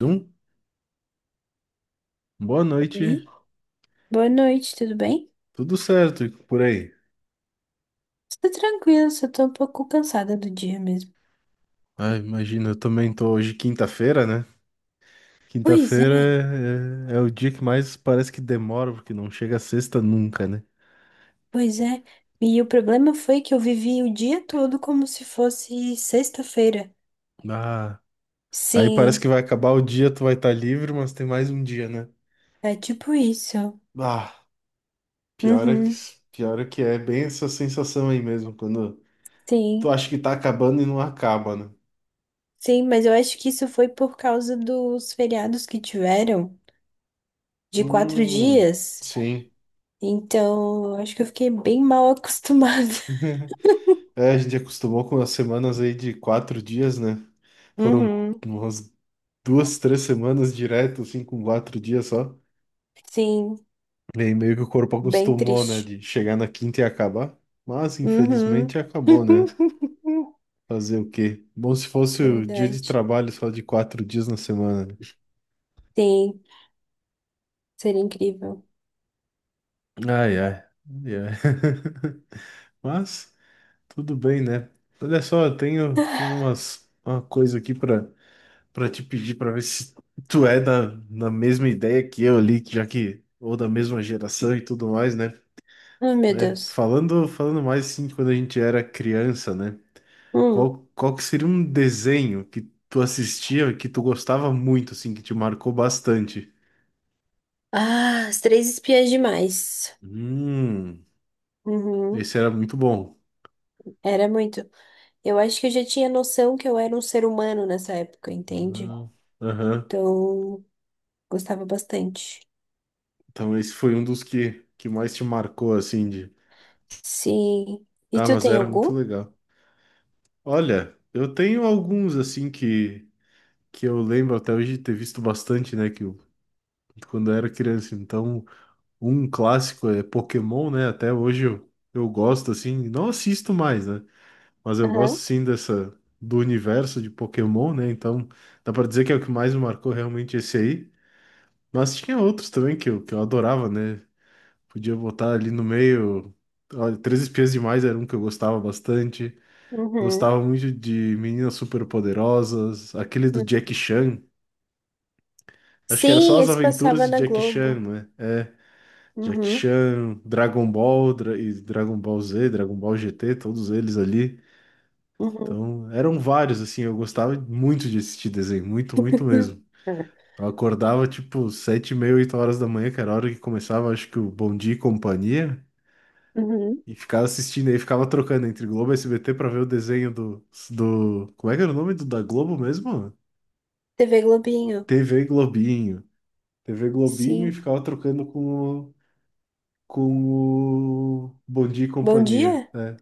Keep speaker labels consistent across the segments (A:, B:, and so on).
A: Um, Boa noite,
B: Oi, boa noite, tudo bem?
A: tudo certo e por aí?
B: Tudo tranquila, só tô um pouco cansada do dia mesmo.
A: Ah, imagina, eu também tô hoje quinta-feira, né?
B: Pois
A: Quinta-feira
B: é,
A: é o dia que mais parece que demora, porque não chega a sexta nunca, né?
B: pois é. E o problema foi que eu vivi o dia todo como se fosse sexta-feira.
A: Ah, aí parece que
B: Sim,
A: vai acabar o dia, tu vai estar livre, mas tem mais um dia, né?
B: é tipo isso.
A: Ah, pior é que,
B: Uhum,
A: pior é que é bem essa sensação aí mesmo, quando
B: sim,
A: tu acha que tá acabando e não acaba, né?
B: sim, mas eu acho que isso foi por causa dos feriados que tiveram, de quatro
A: Hum,
B: dias.
A: sim.
B: Então, eu acho que eu fiquei bem mal acostumada.
A: É, a gente acostumou com as semanas aí de 4 dias, né? Foram
B: Uhum,
A: umas duas, três semanas direto, assim, com 4 dias só.
B: sim,
A: E aí meio que o corpo
B: bem
A: acostumou, né?
B: triste.
A: De chegar na quinta e acabar. Mas,
B: Uhum.
A: infelizmente, acabou, né? Fazer o quê? Bom, se fosse o dia de
B: Verdade.
A: trabalho só de 4 dias na semana, né?
B: Sim, seria incrível.
A: Ai, ai. Ai, ai. Mas, tudo bem, né? Olha só, eu tenho uma coisa aqui para pra te pedir pra ver se tu é na mesma ideia que eu ali, já que, ou da mesma geração e tudo mais, né?
B: Ah, meu
A: É,
B: Deus.
A: falando mais assim, de quando a gente era criança, né?
B: Hum.
A: Qual que seria um desenho que tu assistia, que tu gostava muito, assim, que te marcou bastante?
B: Ah, as três espiãs demais.
A: Hum,
B: Uhum.
A: Esse era muito bom.
B: Era muito. Eu acho que eu já tinha noção que eu era um ser humano nessa época, entende?
A: Ah, aham.
B: Então, gostava bastante.
A: Então esse foi um dos que mais te marcou, assim, de...
B: Sim. E
A: Ah,
B: tu
A: mas
B: tem
A: era muito
B: algum?
A: legal. Olha, eu tenho alguns, assim, que eu lembro até hoje de ter visto bastante, né? Quando eu era criança. Então, um clássico é Pokémon, né? Até hoje eu gosto, assim, não assisto mais, né? Mas eu gosto,
B: Aham.
A: sim, dessa, do universo de Pokémon, né? Então, dá pra dizer que é o que mais me marcou realmente esse aí. Mas tinha outros também que eu adorava, né? Podia botar ali no meio. Olha, Três Espiãs Demais era um que eu gostava bastante.
B: Uhum.
A: Gostava muito de Meninas Superpoderosas, aquele do Jack
B: Uhum.
A: Chan. Acho que era só
B: Sim,
A: as
B: esse passava
A: aventuras de
B: na
A: Jackie Chan,
B: Globo.
A: né? É, é, Jackie
B: Uhum.
A: Chan, e Dragon Ball Z, Dragon Ball GT, todos eles ali.
B: Uhum.
A: Então, eram vários, assim, eu gostava muito de assistir desenho, muito, muito mesmo. Eu acordava, tipo, 7:30, 8 horas da manhã, que era a hora que começava, acho que o Bom Dia e Companhia,
B: Uhum.
A: e ficava assistindo aí, ficava trocando entre Globo e SBT pra ver o desenho do... Como é que era o nome da Globo mesmo?
B: TV Globinho.
A: TV Globinho. TV Globinho e
B: Sim.
A: ficava trocando com o Bom Dia e
B: Bom
A: Companhia,
B: dia?
A: né?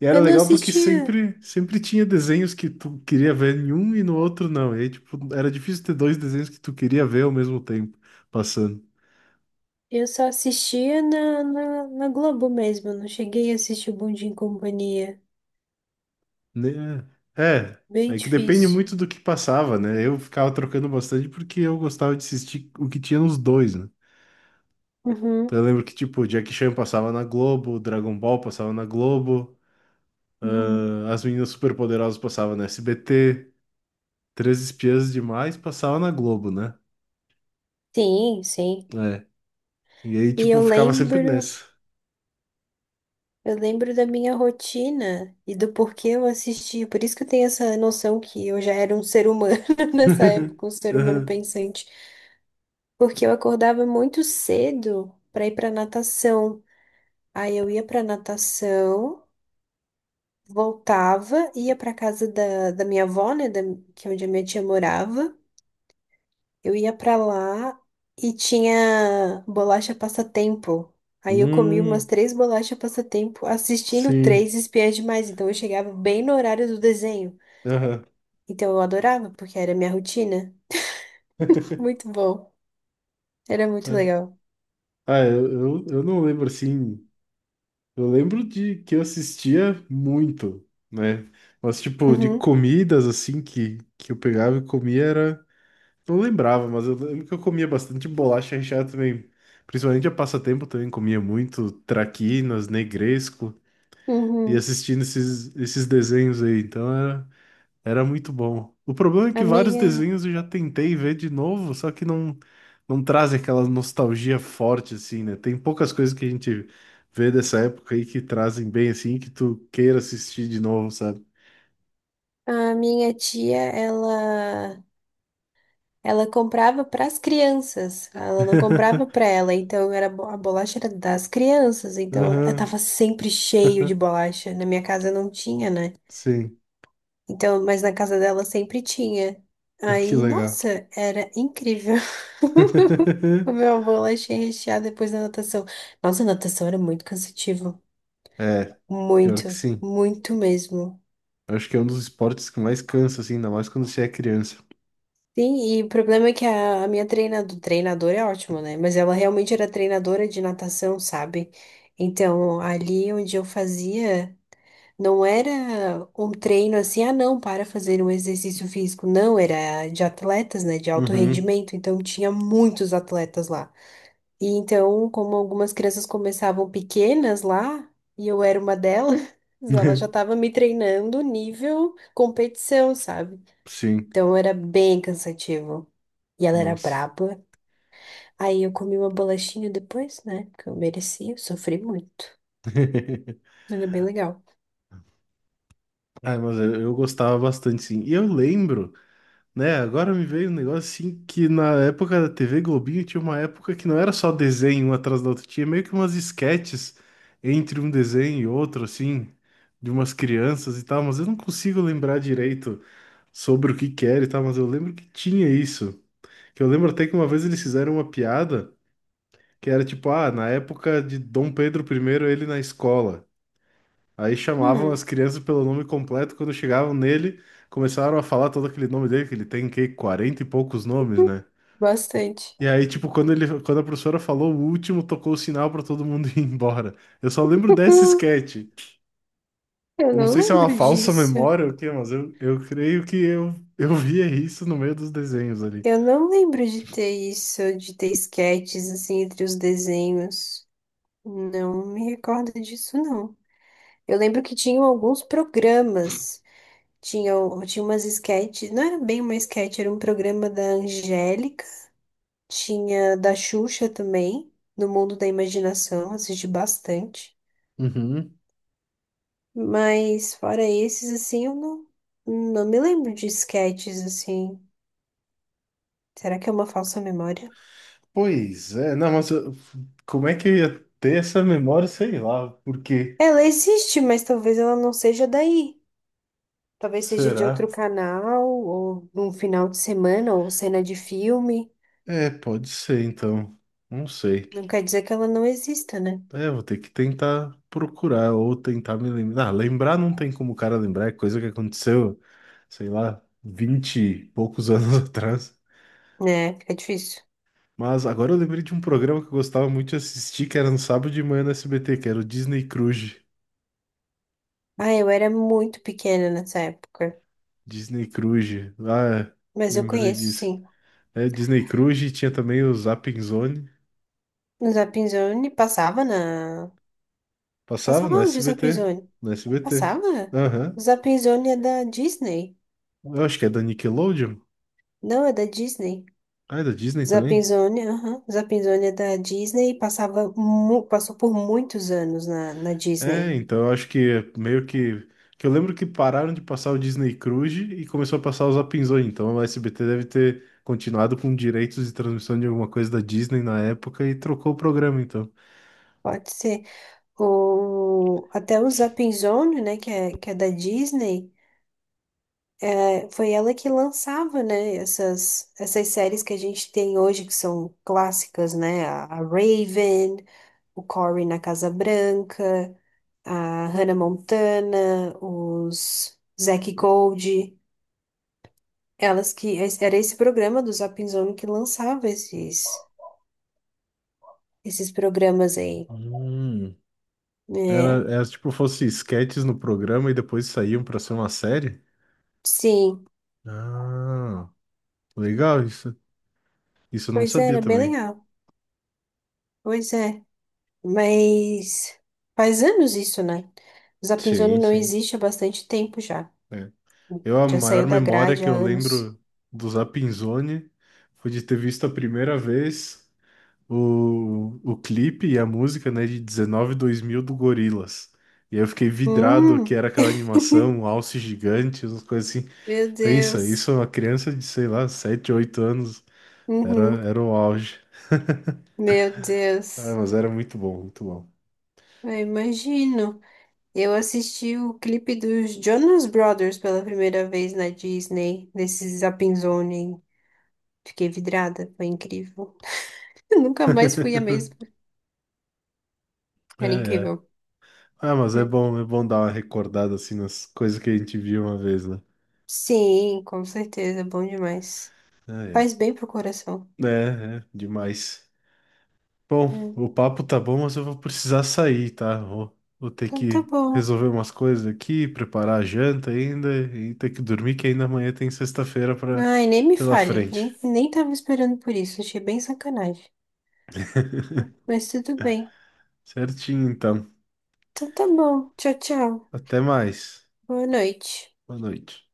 A: E era
B: Eu não
A: legal porque
B: assistia.
A: sempre, sempre tinha desenhos que tu queria ver em um e no outro não. E aí, tipo, era difícil ter dois desenhos que tu queria ver ao mesmo tempo passando.
B: Eu só assistia na Globo mesmo, não cheguei a assistir o Bom Dia e Companhia.
A: Né? É,
B: Bem
A: é que depende
B: difícil.
A: muito do que passava, né? Eu ficava trocando bastante porque eu gostava de assistir o que tinha nos dois, né?
B: Uhum.
A: Então eu lembro que, tipo, Jackie Chan passava na Globo, Dragon Ball passava na Globo,
B: Uhum.
A: ah, As Meninas Superpoderosas passava na SBT, Três Espiãs Demais passava na Globo, né?
B: Sim, sim.
A: É. E aí,
B: E
A: tipo, ficava sempre nessa.
B: eu lembro da minha rotina e do porquê eu assistia. Por isso que eu tenho essa noção que eu já era um ser humano nessa época, um ser humano
A: Aham.
B: pensante. Porque eu acordava muito cedo para ir para natação. Aí eu ia para natação. Voltava, ia para casa da, da minha avó, né, da- que é onde a minha tia morava. Eu ia para lá e tinha bolacha passatempo. Aí eu comi umas
A: Hum,
B: três bolachas passatempo assistindo três
A: sim.
B: espiãs demais. Então eu chegava bem no horário do desenho.
A: Aham.
B: Então eu adorava, porque era minha rotina. Muito bom. Era muito
A: É.
B: legal.
A: Ah, eu não lembro assim. Eu lembro de que eu assistia muito, né? Mas, tipo, de
B: Uhum,
A: comidas assim que eu pegava e comia era. Não lembrava, mas eu lembro que eu comia bastante bolacha recheada também. Principalmente a passatempo também comia muito traquinas, negresco e
B: uhum.
A: assistindo esses desenhos aí. Então era muito bom. O problema é que
B: A
A: vários
B: minha,
A: desenhos eu já tentei ver de novo, só que não, não traz aquela nostalgia forte, assim, né? Tem poucas coisas que a gente vê dessa época aí que trazem bem, assim, que tu queira assistir de novo, sabe?
B: a minha tia, ela comprava para as crianças, ela não comprava para ela, então era a bolacha era das crianças, então eu
A: Aham,
B: tava sempre cheio de bolacha. Na minha casa não tinha, né?
A: sim.
B: Então, mas na casa dela sempre tinha.
A: Ah, que
B: Aí,
A: legal.
B: nossa, era incrível. Comer uma bolacha recheada depois da natação. Nossa, a natação era muito cansativo,
A: É, pior que
B: muito,
A: sim.
B: muito mesmo.
A: Eu acho que é um dos esportes que mais cansa, assim, ainda mais quando você é criança.
B: Sim, e o problema é que a minha treinadora é ótima, né? Mas ela realmente era treinadora de natação, sabe? Então, ali onde eu fazia, não era um treino assim, ah, não, para fazer um exercício físico. Não, era de atletas, né? De alto
A: Uhum.
B: rendimento. Então, tinha muitos atletas lá. E então, como algumas crianças começavam pequenas lá, e eu era uma delas, ela já estava me treinando nível competição, sabe?
A: Sim,
B: Então, era bem cansativo. E ela era
A: nossa.
B: braba. Aí eu comi uma bolachinha depois, né? Porque eu merecia, eu sofri muito. Mas é bem legal.
A: Ah, mas eu gostava bastante, sim. E eu lembro. Né, agora me veio um negócio assim que na época da TV Globinho tinha uma época que não era só desenho um atrás da outra, tinha meio que umas esquetes entre um desenho e outro, assim, de umas crianças e tal, mas eu não consigo lembrar direito sobre o que que era e tal, mas eu lembro que tinha isso. Que eu lembro até que uma vez eles fizeram uma piada que era tipo, ah, na época de Dom Pedro primeiro ele na escola. Aí chamavam
B: Hum,
A: as crianças pelo nome completo, quando chegavam nele, começaram a falar todo aquele nome dele, que ele tem que 40 e poucos nomes, né?
B: bastante.
A: E aí, tipo, quando a professora falou o último, tocou o sinal pra todo mundo ir embora. Eu só lembro desse
B: Hum,
A: sketch.
B: Eu
A: Não
B: não
A: sei se é uma
B: lembro
A: falsa
B: disso.
A: memória ou o quê, mas eu creio que eu via isso no meio dos desenhos ali.
B: Eu não lembro de ter isso, de ter esquetes assim entre os desenhos. Não me recordo disso, não. Eu lembro que tinham alguns programas. Tinha, tinha umas esquetes. Não era bem uma esquete. Era um programa da Angélica. Tinha da Xuxa também, do Mundo da Imaginação, assisti bastante.
A: Uhum.
B: Mas fora esses, assim, eu não me lembro de sketches, assim. Será que é uma falsa memória?
A: Pois é, não, como é que eu ia ter essa memória? Sei lá, por quê?
B: Ela existe, mas talvez ela não seja daí. Talvez seja de outro
A: Será?
B: canal, ou num final de semana, ou cena de filme.
A: É, pode ser então. Não sei.
B: Não quer dizer que ela não exista, né?
A: É, vou ter que tentar procurar ou tentar me lembrar. Ah, lembrar não tem como o cara lembrar, é coisa que aconteceu, sei lá, 20 e poucos anos atrás.
B: É, fica difícil.
A: Mas agora eu lembrei de um programa que eu gostava muito de assistir, que era no sábado de manhã no SBT, que era o Disney Cruise.
B: Ah, eu era muito pequena nessa época,
A: Disney Cruise. Ah, é,
B: mas eu
A: lembrei
B: conheço,
A: disso.
B: sim.
A: É, Disney Cruise e tinha também o Zapping Zone.
B: No Zapinzone passava na
A: Passava
B: Passava
A: no
B: onde o
A: SBT.
B: Zappzone?
A: No SBT.
B: Passava?
A: Aham.
B: Zappzone é da Disney.
A: Eu acho que é da Nickelodeon.
B: Não, é da Disney.
A: Ah, é da Disney também?
B: Zappzone, aham. Zappzone é da Disney e passava, passou por muitos anos na
A: É,
B: Disney.
A: então eu acho que meio que. Que eu lembro que pararam de passar o Disney Cruise e começou a passar os Apinzões. Então o SBT deve ter continuado com direitos de transmissão de alguma coisa da Disney na época e trocou o programa, então.
B: Pode ser. O, até o Zappzone, né, que é da Disney, é, foi ela que lançava, né, essas séries que a gente tem hoje, que são clássicas, né? A Raven, o Cory na Casa Branca, a Hannah Montana, os Zack Gold, elas que era esse programa do Zap Zone que lançava esses programas aí.
A: Hum,
B: É,
A: era tipo fosse sketches no programa e depois saíam pra ser uma série?
B: sim,
A: Ah, legal isso. Isso eu não
B: pois é,
A: sabia
B: era bem
A: também.
B: legal. Pois é, mas faz anos isso, né? O Zap
A: Sim,
B: Zone não
A: sim.
B: existe há bastante tempo já.
A: É. Eu, a
B: Já saiu
A: maior
B: da
A: memória
B: grade
A: que
B: há
A: eu
B: anos.
A: lembro do Zapinzone foi de ter visto a primeira vez. O clipe e a música, né, de 19 2000 do Gorillaz. E aí eu fiquei vidrado que
B: Hum,
A: era aquela animação, um alce gigante, umas coisas assim.
B: meu
A: Pensa,
B: Deus.
A: isso é uma criança de, sei lá, 7 8 anos. Era,
B: Uhum,
A: era o auge.
B: meu
A: Ah,
B: Deus.
A: mas era muito bom, muito bom.
B: Eu imagino. Eu assisti o clipe dos Jonas Brothers pela primeira vez na Disney, nesse Zapping Zone. Fiquei vidrada, foi incrível. Eu nunca mais fui a mesma.
A: É,
B: Era
A: é.
B: incrível.
A: Ah, mas
B: É.
A: é bom dar uma recordada assim nas coisas que a gente viu uma vez, né?
B: Sim, com certeza, bom demais.
A: Ah, é.
B: Faz bem pro coração.
A: É, é, demais. Bom,
B: É.
A: o papo tá bom, mas eu vou precisar sair, tá? Vou ter
B: Então tá
A: que
B: bom.
A: resolver umas coisas aqui, preparar a janta ainda e ter que dormir, que ainda amanhã tem sexta-feira para
B: Ai, nem me
A: pela
B: fale,
A: frente.
B: nem tava esperando por isso, achei bem sacanagem. Mas tudo bem.
A: Certinho, então.
B: Então tá bom, tchau, tchau.
A: Até mais.
B: Boa noite.
A: Boa noite.